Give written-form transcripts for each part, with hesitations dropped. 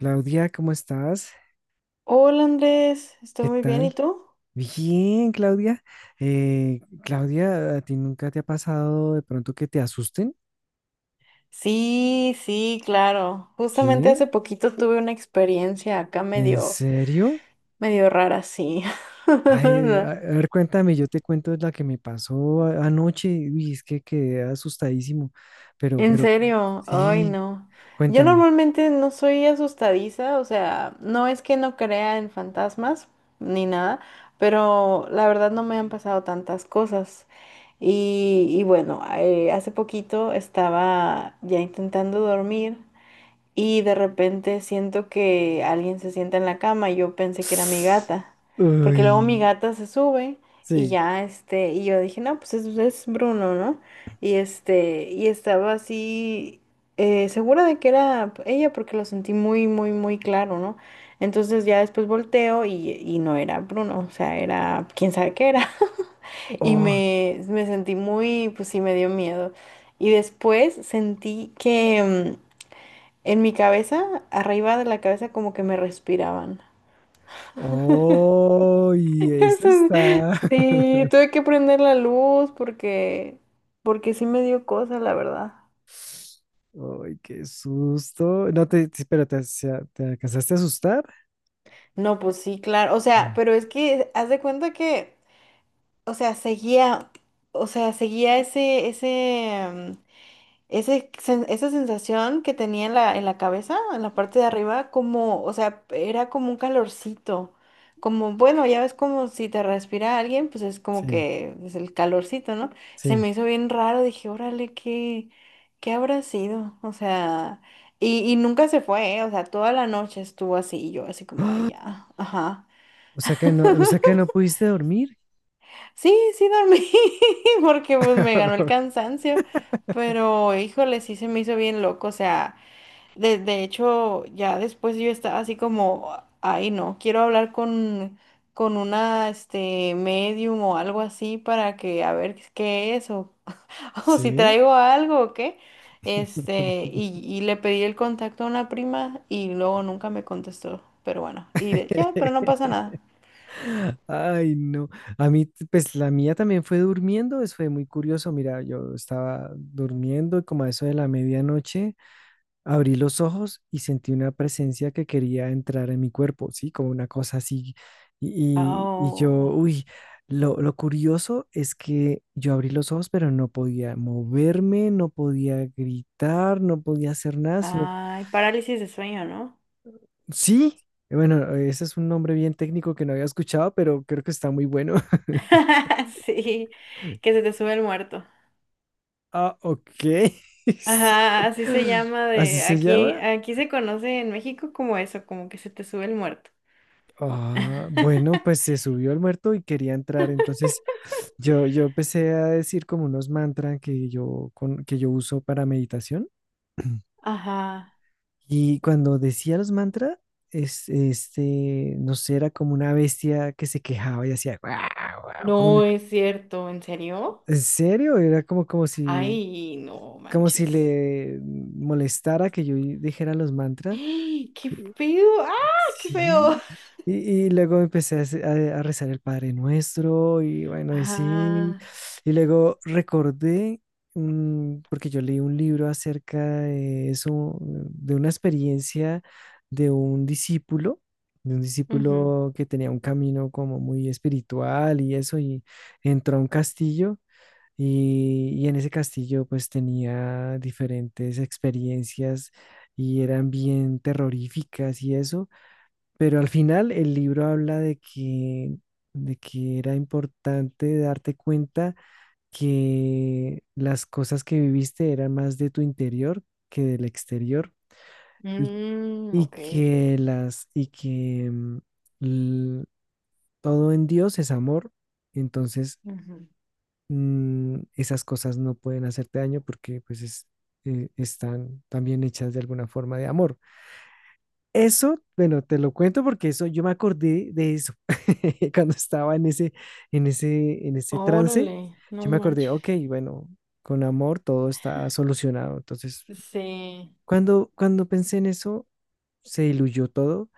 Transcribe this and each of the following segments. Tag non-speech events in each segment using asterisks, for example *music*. Claudia, ¿cómo estás? Hola Andrés, estoy ¿Qué muy bien, ¿y tal? tú? Bien, Claudia. Claudia, ¿a ti nunca te ha pasado de pronto que te asusten? Sí, sí, claro. Justamente ¿Sí? hace poquito tuve una experiencia acá ¿En medio, serio? medio rara, sí. Ay, a *laughs* a ver, cuéntame, yo te cuento la que me pasó anoche. Uy, es que quedé asustadísimo. Pero, En pero, serio, ay sí, no. Yo cuéntame. normalmente no soy asustadiza, o sea, no es que no crea en fantasmas ni nada, pero la verdad no me han pasado tantas cosas. Y bueno, hace poquito estaba ya intentando dormir. Y de repente siento que alguien se sienta en la cama y yo pensé que era mi *sniffs* gata, porque luego mi Uy, gata se sube y sí. ya este, y yo dije, no, pues es Bruno, ¿no? Y este, y estaba así segura de que era ella porque lo sentí muy, muy, muy claro, ¿no? Entonces ya después volteo y no era Bruno, o sea, era quién sabe qué era. *laughs* Y Oh, me, me sentí muy, pues sí, me dio miedo. Y después sentí que, mm, en mi cabeza, arriba de la cabeza, como que me respiraban. oh, *laughs* y eso Eso- es- está. Sí, tuve que prender la luz porque, porque sí me dio cosa, la verdad. Ay, qué susto. No te, sí, pero te, te alcanzaste a asustar. No, pues sí, claro. O sea, Mm. pero es que haz de cuenta que, o sea, seguía, o sea, seguía ese, ese, Ese sen- esa sensación que tenía en la cabeza, en la parte de arriba, como, o sea, era como un calorcito. Como, bueno, ya ves como si te respira alguien, pues es como Sí, que es el calorcito, ¿no? Se sí. me hizo bien raro, dije, órale, ¿qué, qué habrá sido? O sea, y nunca se fue, ¿eh? O sea, toda la noche estuvo así, y yo así como, ay, ¡Ah! ya, ajá. O sea que no, o sea que no pudiste dormir. Sí, sí dormí, *laughs* porque pues me ganó el *laughs* cansancio, pero híjole, sí se me hizo bien loco, o sea. De hecho, ya después yo estaba así como, ay no, quiero hablar con una, este, medium o algo así para que a ver qué es o, *laughs* o si Sí. traigo algo o qué. Este, y le pedí el contacto a una prima y luego nunca me contestó, pero bueno, y de- ya, pero no pasa *laughs* nada. Ay, no. A mí, pues la mía también fue durmiendo. Eso fue muy curioso. Mira, yo estaba durmiendo y como a eso de la medianoche. Abrí los ojos y sentí una presencia que quería entrar en mi cuerpo, ¿sí? Como una cosa así. Y, y yo, Oh, uy, lo curioso es que yo abrí los ojos, pero no podía moverme, no podía gritar, no podía hacer nada, sino, ay, parálisis de sueño, ¿no? sí. Bueno, ese es un nombre bien técnico que no había escuchado, pero creo que está muy bueno. *laughs* *laughs* Sí, que se te sube el muerto. Ah, ok. Ajá, así se *laughs* llama ¿Así de se aquí, llama? aquí se conoce en México como eso, como que se te sube el muerto. Ah, bueno, pues *laughs* se subió al muerto y quería entrar, entonces yo empecé a decir como unos mantras que yo, con, que yo uso para meditación. *clears throat* Ajá. Y cuando decía los mantras, es, este, no sé, era como una bestia que se quejaba y hacía, "Guau, guau", como una- No es cierto, ¿en serio? ¿en serio? Era como, Ay, no como si manches. le molestara que yo dijera los mantras. ¡Ay! ¡Qué feo! ¡Ah, qué feo! Sí, y luego empecé a, a rezar el Padre Nuestro y bueno, y sí, Ajá. y luego recordé, mm, porque yo leí un libro acerca de eso, de una experiencia de un discípulo, de un Ujú. discípulo que tenía un camino como muy espiritual y eso, y entró a un castillo. Y en ese castillo pues tenía diferentes experiencias y eran bien terroríficas y eso. Pero al final el libro habla de que era importante darte cuenta que las cosas que viviste eran más de tu interior que del exterior y, Mm, y ok. que las y que l- todo en Dios es amor. Entonces, Ujú. Esas cosas no pueden hacerte daño porque pues es, están también hechas de alguna forma de amor. Eso, bueno, te lo cuento porque eso, yo me acordé de eso *laughs* cuando estaba en ese, en ese, en ese trance. Órale, Yo no me acordé, manches. ok, bueno, con amor todo está solucionado. Entonces, Sí. Cuando pensé en eso, se diluyó todo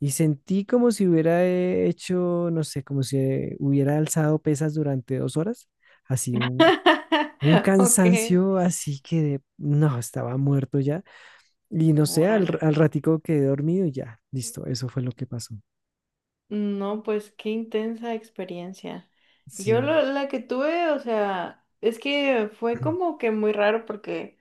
y sentí como si hubiera hecho, no sé, como si hubiera alzado pesas durante 2 horas, así un *laughs* Ok. cansancio, así que de- no, estaba muerto ya. Y no sé, Órale. al ratico quedé dormido y ya, listo, eso fue lo que pasó. No, pues qué intensa experiencia. Yo Sí, lo- la que tuve, o sea, es que fue *clears throat* como que muy raro porque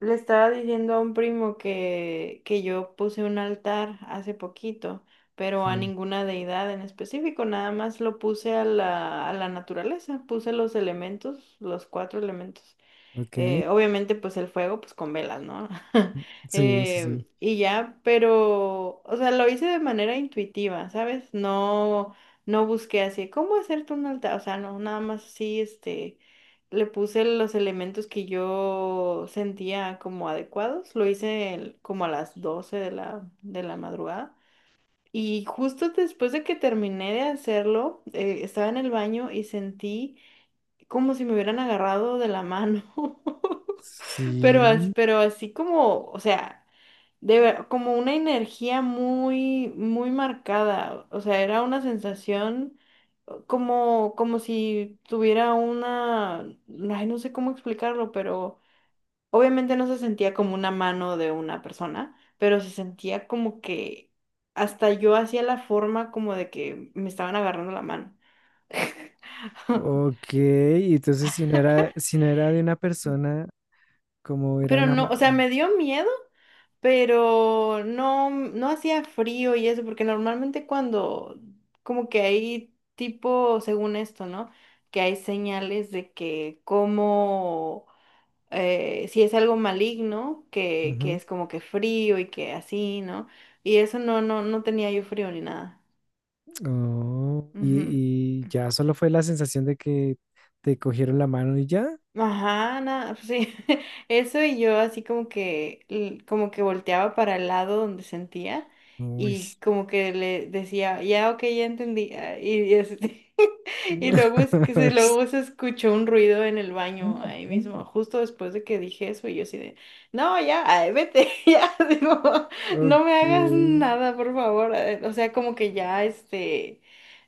le estaba diciendo a un primo que yo puse un altar hace poquito, pero a sí, ninguna deidad en específico, nada más lo puse a la naturaleza, puse los elementos, los cuatro elementos. ok, Obviamente, pues el fuego, pues con velas, ¿no? *laughs* sí, sí, sí, Y ya, pero, o sea, lo hice de manera intuitiva, ¿sabes? No, no busqué así, ¿cómo hacerte un altar? O sea, no, nada más así, este, le puse los elementos que yo sentía como adecuados. Lo hice el- como a las 12 de la madrugada. Y justo después de que terminé de hacerlo, estaba en el baño y sentí como si me hubieran agarrado de la mano. *laughs* Pero, as- sí, pero así como, o sea, de, ver- como una energía muy, muy marcada. O sea, era una sensación como, como si tuviera una, ay, no sé cómo explicarlo, pero obviamente no se sentía como una mano de una persona, pero se sentía como que hasta yo hacía la forma como de que me estaban agarrando la mano. *laughs* ok, y entonces si no era, si no era de una persona, como era Pero una... no, ma- o sea, me dio miedo, pero no, no hacía frío y eso, porque normalmente cuando, como que hay tipo, según esto, ¿no? Que hay señales de que como, si es algo maligno, que Ujú. es como que frío y que así, ¿no? Y eso no, no, no tenía yo frío ni nada. Oh, Ujú. Y ya solo fue la sensación de que te cogieron la mano y ya. Ajá, nada, pues sí. *laughs* Eso y yo así como que, l- como que volteaba para el lado donde sentía Uy. y como que le decía, ya, ok, ya entendí. Y así, y luego es que se, *laughs* luego se escuchó un ruido en el baño ahí mismo, justo después de que dije eso, y yo así de, no, ya, ay, vete, *laughs* ya, digo, no me Ok, hagas nada, por favor. O sea, como que ya, este,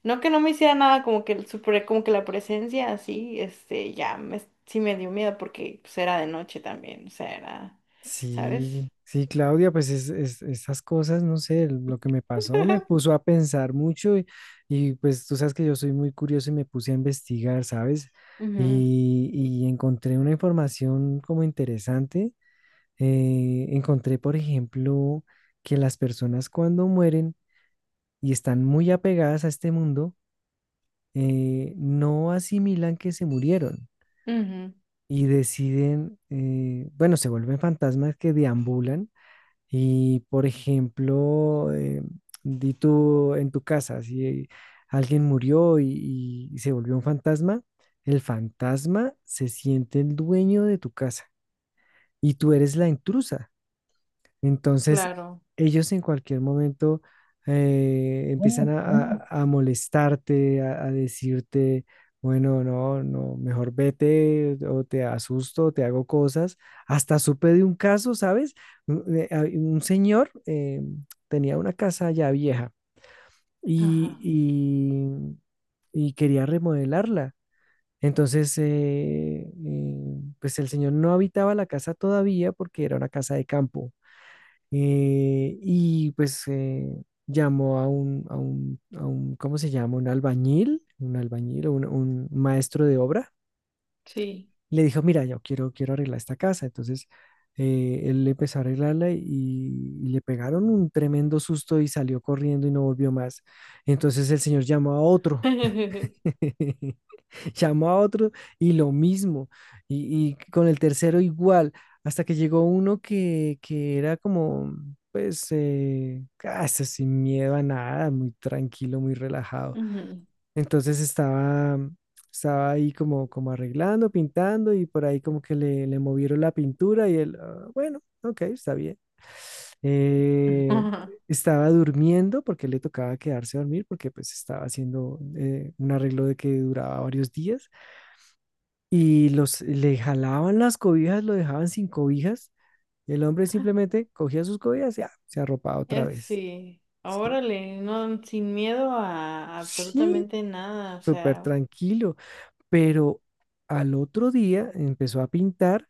no que no me hiciera nada, como que el super, como que la presencia así, este, ya me, sí me dio miedo porque pues, era de noche también, o sea, era, ¿sabes? sí, sí, Claudia, pues es, esas cosas, no sé, lo que me pasó me *laughs* puso a pensar mucho y, pues tú sabes que yo soy muy curioso y me puse a investigar, ¿sabes? Ujú, Y encontré una información como interesante. Encontré, por ejemplo, que las personas cuando mueren y están muy apegadas a este mundo, no asimilan que se murieron ujú, y deciden, bueno, se vuelven fantasmas que deambulan. Y por ejemplo, di tú en tu casa, si alguien murió y se volvió un fantasma, el fantasma se siente el dueño de tu casa y tú eres la intrusa. Entonces, claro. ellos en cualquier momento empiezan a, a molestarte, a decirte, bueno, no, no, mejor vete o te asusto, o te hago cosas. Hasta supe de un caso, ¿sabes? Un, hay un señor tenía una casa ya vieja y, Ajá, y quería remodelarla. Entonces, pues el señor no habitaba la casa todavía porque era una casa de campo y pues llamó a un, a un, a un, ¿cómo se llama? Un albañil, un albañil, un maestro de obra. sí. Le dijo, mira, yo quiero, quiero arreglar esta casa. Entonces, él empezó a arreglarla y le pegaron un tremendo susto y salió corriendo y no volvió más. Entonces el señor llamó a otro. *laughs* *laughs* *laughs* Llamó a otro y lo mismo, y con el tercero igual, hasta que llegó uno que era como, pues, casi sin miedo a nada, muy tranquilo, muy relajado. Ujú. Entonces estaba, estaba ahí como, como arreglando, pintando, y por ahí como que le movieron la pintura y él, "Ah, bueno, ok, está bien. Eh, *laughs* Estaba durmiendo porque le tocaba quedarse a dormir porque pues estaba haciendo un arreglo de que duraba varios días y los le jalaban las cobijas, lo dejaban sin cobijas, y el hombre simplemente cogía sus cobijas y ah, se arropaba otra Es vez." sí, Sí, órale, no, sin miedo a sí, absolutamente nada, o súper sea, tranquilo. Pero al otro día empezó a pintar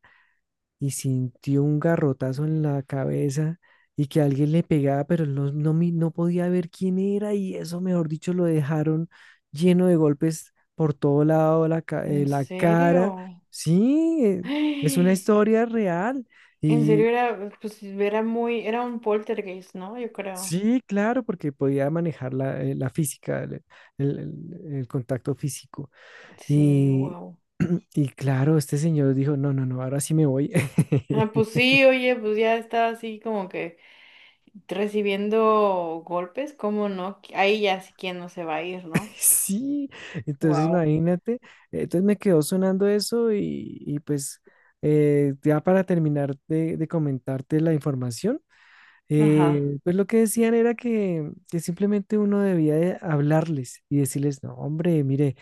y sintió un garrotazo en la cabeza y que alguien le pegaba, pero él no, no, no podía ver quién era y eso, mejor dicho, lo dejaron lleno de golpes por todo lado, la, ¿en la cara. serio? Sí, *gasps* es una ¡Ay! historia real En y serio era, pues era muy, era un poltergeist, ¿no? Yo creo. sí, claro, porque podía manejar la, la física, el, el contacto físico. Sí, Y, wow. *clears throat* y claro, este señor dijo, no, no, no, ahora sí me voy. Ah, pues *laughs* sí, oye, pues ya estaba así como que recibiendo golpes, ¿cómo no? Ahí ya sí quien no se va a ir, ¿no? Sí, entonces Wow. imagínate, entonces me quedó sonando eso y pues ya para terminar de comentarte la información, Ajá, pues lo que decían era que simplemente uno debía de hablarles y decirles, no, hombre, mire,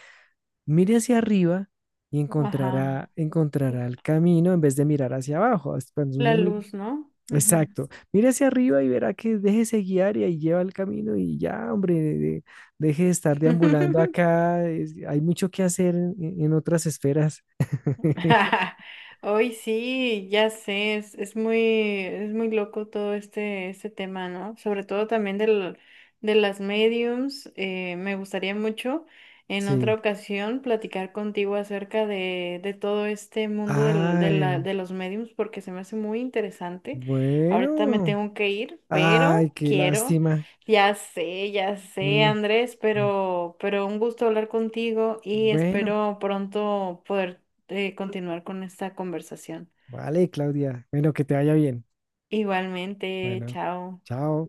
mire hacia arriba y ajá. encontrará, encontrará el camino en vez de mirar hacia abajo. Es Cuando La uno mi- luz, ¿no? Ujú. Exacto. Mira hacia arriba y verá que déjese guiar y ahí lleva el camino y ya, hombre, deje de estar deambulando *laughs* acá. Es- hay mucho que hacer en otras esferas. *laughs* *laughs* Hoy sí, ya sé, es muy loco todo este, este tema, ¿no? Sobre todo también del, de las mediums. Me gustaría mucho en otra Sí. ocasión platicar contigo acerca de todo este mundo del- de la- Ay, de los mediums porque se me hace muy interesante. Ahorita me bueno. tengo que ir, Ay, pero qué quiero, lástima. Ya sé, Mm, Andrés, mm. Pero un gusto hablar contigo y Bueno, espero pronto poder continuar con esta conversación. vale, Claudia. Bueno, que te vaya bien. Igualmente, Bueno, chao. chao.